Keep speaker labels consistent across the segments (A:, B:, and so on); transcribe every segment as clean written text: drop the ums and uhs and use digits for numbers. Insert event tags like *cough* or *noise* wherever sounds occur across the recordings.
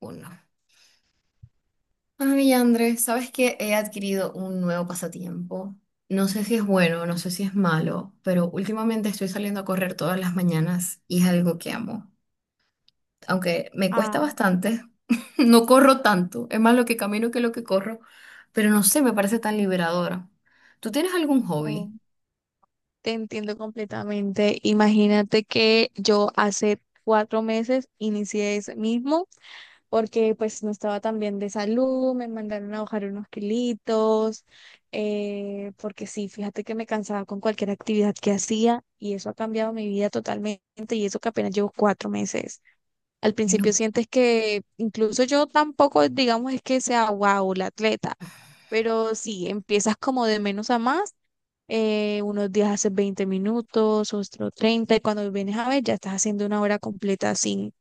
A: Uno. Ay, Andrés, sabes que he adquirido un nuevo pasatiempo. No sé si es bueno, no sé si es malo, pero últimamente estoy saliendo a correr todas las mañanas y es algo que amo. Aunque me cuesta
B: Ah,
A: bastante, *laughs* no corro tanto, es más lo que camino que lo que corro, pero no sé, me parece tan liberadora. ¿Tú tienes algún
B: oh,
A: hobby?
B: te entiendo completamente. Imagínate que yo hace 4 meses inicié ese mismo porque pues no estaba tan bien de salud, me mandaron a bajar unos kilitos, porque sí, fíjate que me cansaba con cualquier actividad que hacía y eso ha cambiado mi vida totalmente y eso que apenas llevo 4 meses. Al
A: Ay,
B: principio
A: no,
B: sientes que incluso yo tampoco, digamos, es que sea wow, la atleta. Pero sí, empiezas como de menos a más, unos días haces 20 minutos, otros 30, y cuando vienes a ver ya estás haciendo una hora completa sin,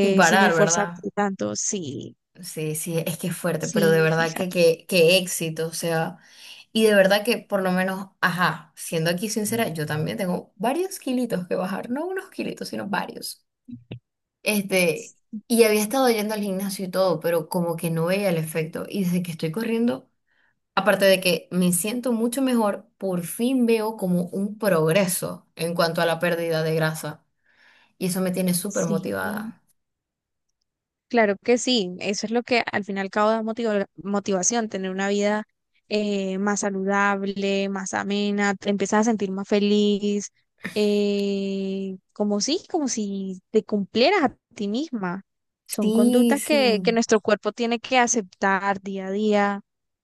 A: sin
B: sin
A: parar, ¿verdad?
B: esforzarte tanto. Sí,
A: Sí, sí, es que es fuerte, pero de
B: sí,
A: verdad que,
B: fíjate,
A: que, que éxito, o sea, y de verdad que por lo menos, ajá, siendo aquí sincera, yo también tengo varios kilitos que bajar, no unos kilitos, sino varios. Este, y había estado yendo al gimnasio y todo, pero como que no veía el efecto, y desde que estoy corriendo, aparte de que me siento mucho mejor, por fin veo como un progreso en cuanto a la pérdida de grasa, y eso me tiene súper
B: sí.
A: motivada.
B: Claro que sí, eso es lo que al fin y al cabo da motivación, tener una vida, más saludable, más amena, te empiezas a sentir más feliz, como si te cumplieras a ti misma. Son
A: Sí,
B: conductas que
A: sí.
B: nuestro cuerpo tiene que aceptar día a día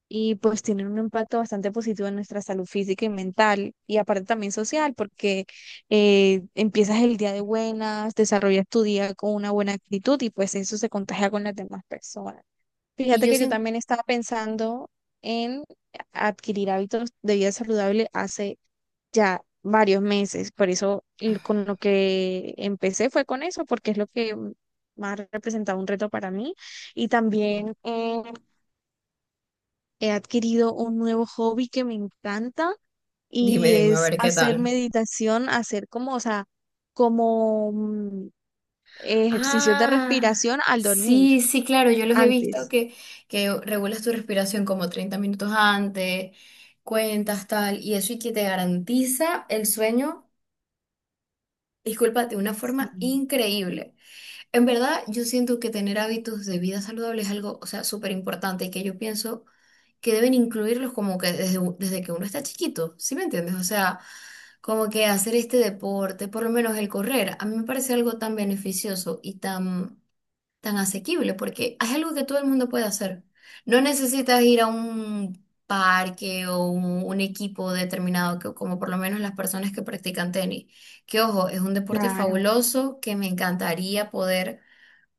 B: y pues tienen un impacto bastante positivo en nuestra salud física y mental y aparte también social, porque empiezas el día de buenas, desarrollas tu día con una buena actitud y pues eso se contagia con las demás personas.
A: Y
B: Fíjate
A: yo
B: que yo
A: siento,
B: también estaba pensando en adquirir hábitos de vida saludable hace ya varios meses, por eso con lo que empecé fue con eso, porque es lo que más representaba un reto para mí, y también he adquirido un nuevo hobby que me encanta
A: dime,
B: y
A: dime, a
B: es
A: ver qué
B: hacer
A: tal.
B: meditación, hacer como, o sea, como ejercicios de
A: Ah,
B: respiración al dormir
A: sí, sí, claro, yo los he
B: antes.
A: que regulas tu respiración como 30 minutos antes, cuentas tal, y eso y que te garantiza el sueño, disculpa, de una
B: Sí,
A: forma increíble. En verdad, yo siento que tener hábitos de vida saludable es algo, o sea, súper importante y que yo pienso que deben incluirlos como que desde que uno está chiquito, ¿sí me entiendes? O sea, como que hacer este deporte, por lo menos el correr, a mí me parece algo tan beneficioso y tan asequible, porque es algo que todo el mundo puede hacer. No necesitas ir a un parque o un equipo determinado, que, como por lo menos las personas que practican tenis, que ojo, es un deporte
B: claro.
A: fabuloso que me encantaría poder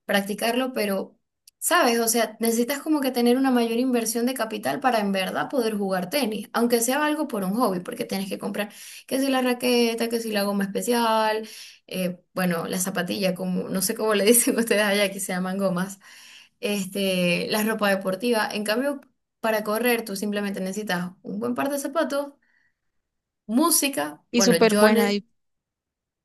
A: practicarlo, pero, ¿sabes? O sea, necesitas como que tener una mayor inversión de capital para en verdad poder jugar tenis, aunque sea algo por un hobby, porque tienes que comprar que si la raqueta, que si la goma especial, bueno, la zapatilla, como no sé cómo le *laughs* dicen ustedes allá, que se llaman gomas, la ropa deportiva. En cambio, para correr, tú simplemente necesitas un buen par de zapatos, música,
B: Y
A: bueno,
B: súper buena, y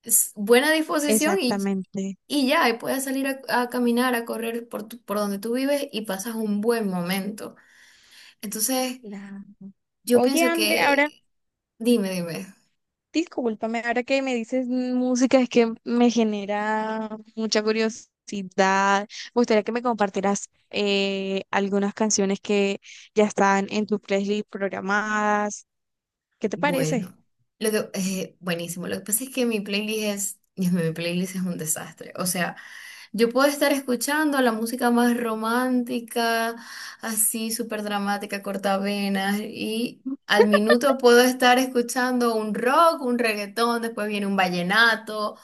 A: buena disposición
B: exactamente.
A: y ya, y puedes salir a caminar, a correr por donde tú vives y pasas un buen momento. Entonces,
B: Claro.
A: yo
B: Oye,
A: pienso
B: André, ahora,
A: que, dime, dime,
B: discúlpame, ahora que me dices música, es que me genera mucha curiosidad. Me gustaría que me compartieras, algunas canciones que ya están en tu playlist programadas. ¿Qué te parece?
A: bueno, buenísimo. Lo que pasa es que mi playlist es, Dios mío, mi playlist es un desastre. O sea, yo puedo estar escuchando la música más romántica, así súper dramática, cortavenas, y al minuto puedo estar escuchando un rock, un reggaetón, después viene un vallenato.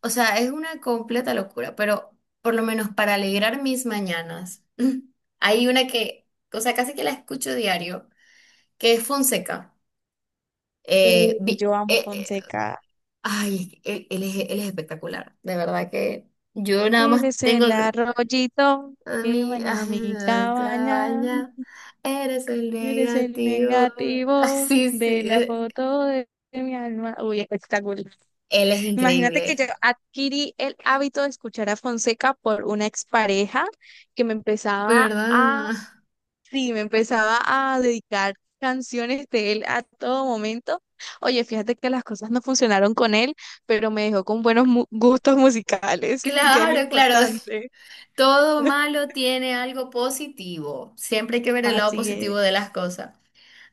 A: O sea, es una completa locura, pero por lo menos para alegrar mis mañanas, *clears throat* *laughs* hay una que, o sea, casi que la escucho diario, que es Fonseca. Eh,
B: Uy,
A: vi-
B: yo amo
A: eh, eh,
B: Fonseca.
A: ay, él es espectacular, de verdad que yo nada más
B: Eres
A: tengo.
B: el arroyito que
A: Mi,
B: baña mi
A: ay,
B: cabaña.
A: Clavalla, *laughs* eres el
B: Eres el
A: negativo. *laughs* Ah,
B: negativo
A: sí,
B: de la foto de mi alma. Uy, espectacular.
A: él es
B: Imagínate que
A: increíble,
B: yo adquirí el hábito de escuchar a Fonseca por una expareja que me empezaba.
A: ¿verdad? *laughs*
B: Sí, me empezaba a dedicar canciones de él a todo momento. Oye, fíjate que las cosas no funcionaron con él, pero me dejó con buenos gustos musicales, *laughs* que es lo
A: Claro, claro.
B: importante.
A: Todo
B: *laughs*
A: malo tiene algo positivo. Siempre hay que ver el lado
B: Así es,
A: positivo de las cosas.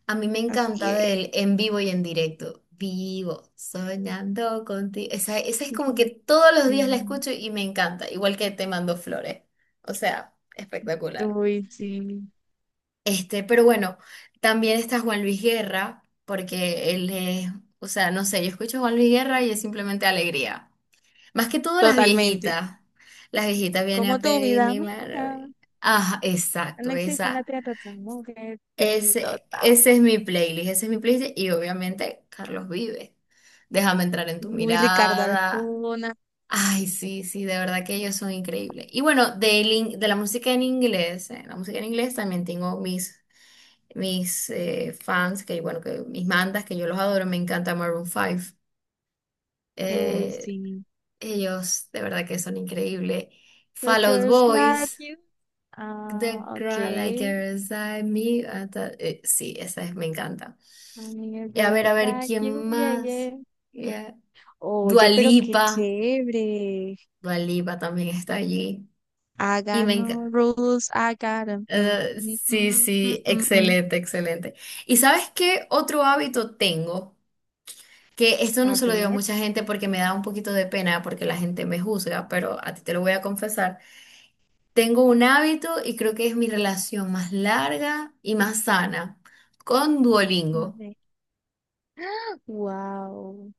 A: A mí me encanta
B: así
A: de
B: es.
A: él en vivo y en directo. Vivo, soñando contigo. Esa es como que
B: Ujú,
A: todos los días
B: sí.
A: la escucho y me encanta, igual que Te mando flores. O sea, espectacular.
B: Uy, sí,
A: Pero bueno, también está Juan Luis Guerra, porque él es, o sea, no sé, yo escucho a Juan Luis Guerra y es simplemente alegría. Más que todo las
B: totalmente.
A: viejitas. Las viejitas vienen a
B: Como tu
A: pedir
B: vida
A: mi mano.
B: mía,
A: Ah,
B: no
A: exacto,
B: existe en la
A: esa.
B: tierra otra mujer. Sí, total.
A: Ese es mi playlist, ese es mi playlist. Y obviamente Carlos Vive. Déjame entrar en tu
B: Uy, Ricardo
A: mirada.
B: Arjona.
A: Ay, sí, sí, de verdad que ellos son increíbles. Y bueno, la música en inglés, la música en inglés también tengo mis fans, que bueno, que mis mandas que yo los adoro, me encanta Maroon 5.
B: Uy,
A: Eh,
B: sí.
A: ellos de verdad que son increíbles.
B: Those
A: Fall Out
B: girls like
A: Boys,
B: you.
A: The
B: Ah,
A: Girl Like
B: ok.
A: Inside Me, sí, esa es, me encanta. Y
B: Amiga,
A: a ver,
B: vaya,
A: ¿quién más?
B: oye.
A: Yeah. Dua
B: Oye, pero qué
A: Lipa,
B: chévere.
A: Dua Lipa también está allí.
B: I
A: Y
B: got
A: me
B: no
A: encanta.
B: rules, I got 'em. Mm, mm,
A: Sí,
B: mm, mm,
A: sí,
B: mm, mm.
A: excelente, excelente. ¿Y sabes qué otro hábito tengo? Que esto no
B: A
A: se lo digo a
B: ver,
A: mucha gente porque me da un poquito de pena porque la gente me juzga, pero a ti te lo voy a confesar. Tengo un hábito y creo que es mi relación más larga y más sana con
B: a
A: Duolingo.
B: ver. Wow.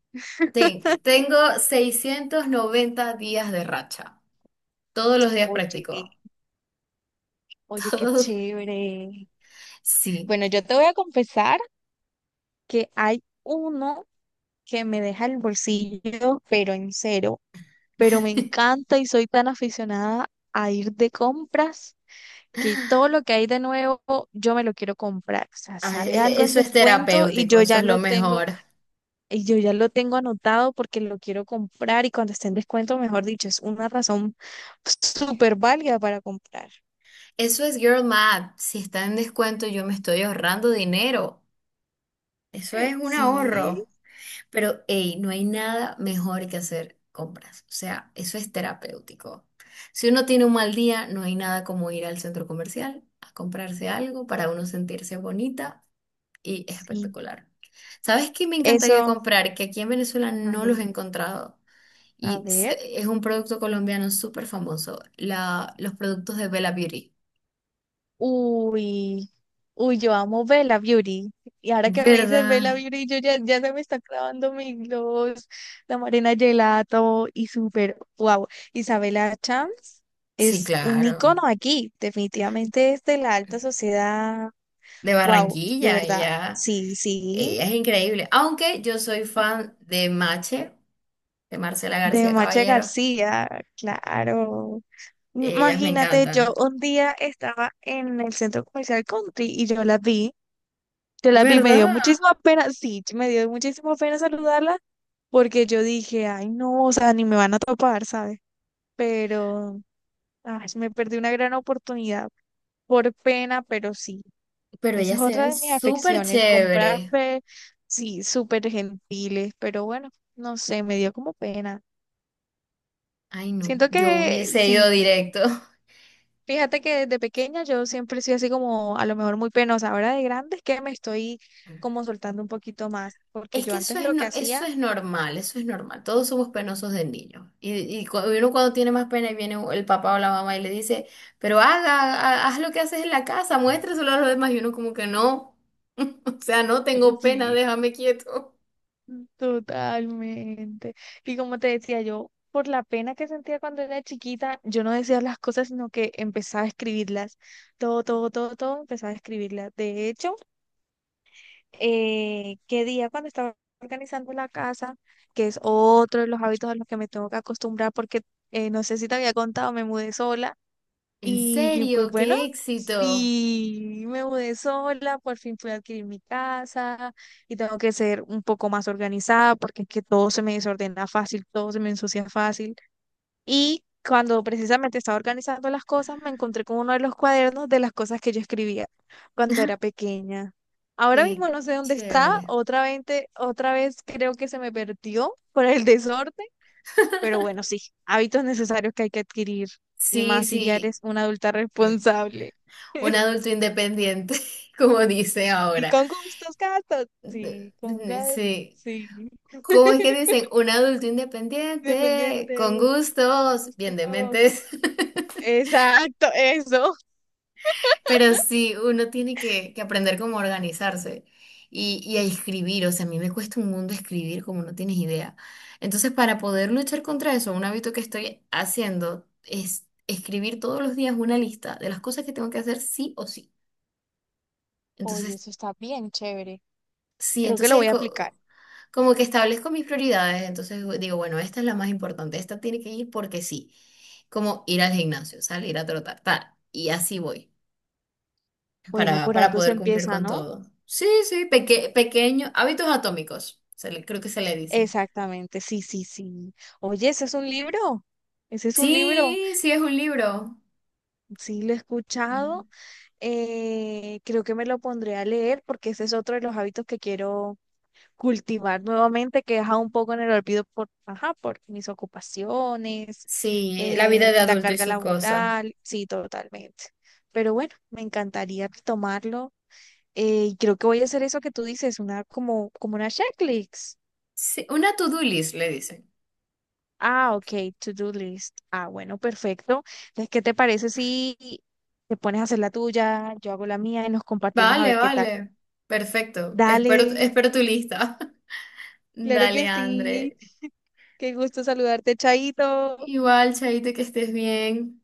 A: Tengo 690 días de racha. Todos los días
B: Oye,
A: practico. *laughs*
B: oye, qué
A: Todos,
B: chévere.
A: sí.
B: Bueno, yo te voy a confesar que hay uno que me deja el bolsillo, pero en cero. Pero me encanta y soy tan aficionada a ir de compras que todo lo que hay de nuevo yo me lo quiero comprar. O sea,
A: Ay,
B: sale algo en
A: eso es
B: descuento y
A: terapéutico,
B: yo
A: eso
B: ya
A: es lo
B: lo tengo,
A: mejor.
B: y yo ya lo tengo anotado porque lo quiero comprar, y cuando esté en descuento, mejor dicho, es una razón súper válida para comprar.
A: Eso es Girl Math. Si está en descuento, yo me estoy ahorrando dinero. Eso es un
B: Sí,
A: ahorro. Pero, hey, no hay nada mejor que hacer compras. O sea, eso es terapéutico. Si uno tiene un mal día, no hay nada como ir al centro comercial a comprarse algo para uno sentirse bonita y
B: sí,
A: espectacular. ¿Sabes qué me encantaría
B: eso.
A: comprar? Que aquí en Venezuela
B: A
A: no los
B: ver,
A: he encontrado.
B: a
A: Y
B: ver.
A: es un producto colombiano súper famoso, la, los productos de Bella Beauty.
B: Uy, uy, yo amo Bella Beauty. Y ahora que me dices
A: ¿Verdad?
B: Bella Beauty, yo ya, ya se me está clavando mi gloss, la Marina Gelato y súper, wow. Isabela Chams
A: Sí,
B: es un
A: claro.
B: icono aquí, definitivamente es de la alta sociedad,
A: De
B: wow, de
A: Barranquilla,
B: verdad.
A: ya.
B: Sí, sí,
A: Ella es increíble. Aunque yo soy fan de Mache, de Marcela
B: de
A: García
B: Macha
A: Caballero.
B: García, claro.
A: Ellas me
B: Imagínate, yo
A: encantan.
B: un día estaba en el centro comercial Country y yo la vi. Yo la vi, me dio
A: ¿Verdad?
B: muchísima pena, sí, me dio muchísima pena saludarla porque yo dije, ay, no, o sea, ni me van a topar, ¿sabes? Pero, ay, me perdí una gran oportunidad por pena, pero sí,
A: Pero
B: esa es
A: ellas se
B: otra
A: ven
B: de mis
A: súper
B: afecciones, comprar,
A: chévere.
B: sí, súper gentiles, pero bueno, no sé, me dio como pena.
A: Ay, no,
B: Siento
A: yo
B: que
A: hubiese ido
B: sí,
A: directo. *laughs*
B: fíjate que desde pequeña yo siempre he sido así como a lo mejor muy penosa, ahora de grande es que me estoy como soltando un poquito más, porque
A: Es
B: yo
A: que eso
B: antes
A: es,
B: lo
A: no,
B: que
A: eso
B: hacía
A: es normal, eso es normal. Todos somos penosos de niño. Y, uno cuando tiene más pena y viene el papá o la mamá y le dice, pero haz lo que haces en la casa, muéstraselo a los demás. Y uno como que no. *laughs* O sea, no
B: *laughs*
A: tengo pena,
B: sí,
A: déjame quieto.
B: totalmente. Y como te decía yo, por la pena que sentía cuando era chiquita, yo no decía las cosas, sino que empezaba a escribirlas. Todo, todo, todo, todo empezaba a escribirlas. De hecho, qué día cuando estaba organizando la casa, que es otro de los hábitos a los que me tengo que acostumbrar, porque no sé si te había contado, me mudé sola.
A: ¿En
B: Y pues
A: serio?
B: bueno,
A: ¡Qué éxito!
B: sí me mudé sola, por fin pude adquirir mi casa y tengo que ser un poco más organizada porque es que todo se me desordena fácil, todo se me ensucia fácil. Y cuando precisamente estaba organizando las cosas, me encontré con uno de los cuadernos de las cosas que yo escribía cuando era
A: *laughs*
B: pequeña. Ahora
A: ¡Qué
B: mismo no sé dónde está,
A: chévere!
B: otra vez creo que se me perdió por el *laughs* desorden, pero bueno, sí, hábitos necesarios que hay que adquirir, y
A: Sí,
B: más si ya
A: sí,
B: eres una adulta responsable.
A: un
B: *laughs*
A: adulto independiente, *laughs* como dice
B: Sí,
A: ahora.
B: con gustos, gastos. Sí, con
A: Eh,
B: gas,
A: Sí.
B: sí.
A: ¿Cómo es que
B: *laughs*
A: dicen? Un adulto independiente, con
B: Dependiente,
A: gustos, bien de
B: gustos.
A: mentes. *laughs*
B: Exacto, eso.
A: Pero sí, uno tiene que aprender cómo organizarse y a escribir. O sea, a mí me cuesta un mundo escribir como no tienes idea. Entonces, para poder luchar contra eso, un hábito que estoy haciendo es escribir todos los días una lista de las cosas que tengo que hacer sí o sí.
B: Oye,
A: Entonces,
B: eso está bien chévere.
A: sí,
B: Creo que lo voy a aplicar.
A: como que establezco mis prioridades. Entonces digo, bueno, esta es la más importante, esta tiene que ir porque sí. Como ir al gimnasio, salir a trotar, tal. Y así voy.
B: Bueno,
A: para,
B: por
A: para
B: algo se
A: poder cumplir
B: empieza,
A: con
B: ¿no?
A: todo. Sí, sí, pequeño, hábitos atómicos, creo que se le dicen.
B: Exactamente, sí, sí, sí. Oye, ese es un libro. Ese es un libro.
A: Sí, sí, es un libro.
B: Sí, lo he
A: Mm.
B: escuchado, creo que me lo pondré a leer porque ese es otro de los hábitos que quiero cultivar nuevamente, que he dejado un poco en el olvido por, ajá, por mis ocupaciones,
A: Sí, la vida de
B: la
A: adulto y
B: carga
A: sus cosas.
B: laboral, sí, totalmente. Pero bueno, me encantaría retomarlo. Y creo que voy a hacer eso que tú dices, una como, como una checklist.
A: Sí, una to-do list, le dicen.
B: Ah, ok, to-do list. Ah, bueno, perfecto. Entonces, ¿qué te parece si te pones a hacer la tuya, yo hago la mía y nos compartimos a
A: Vale,
B: ver qué tal?
A: vale, perfecto. Espero,
B: Dale,
A: espero tu lista. *laughs*
B: claro
A: Dale,
B: que sí.
A: André.
B: Qué gusto saludarte, Chaito.
A: Igual, Chaito, que estés bien.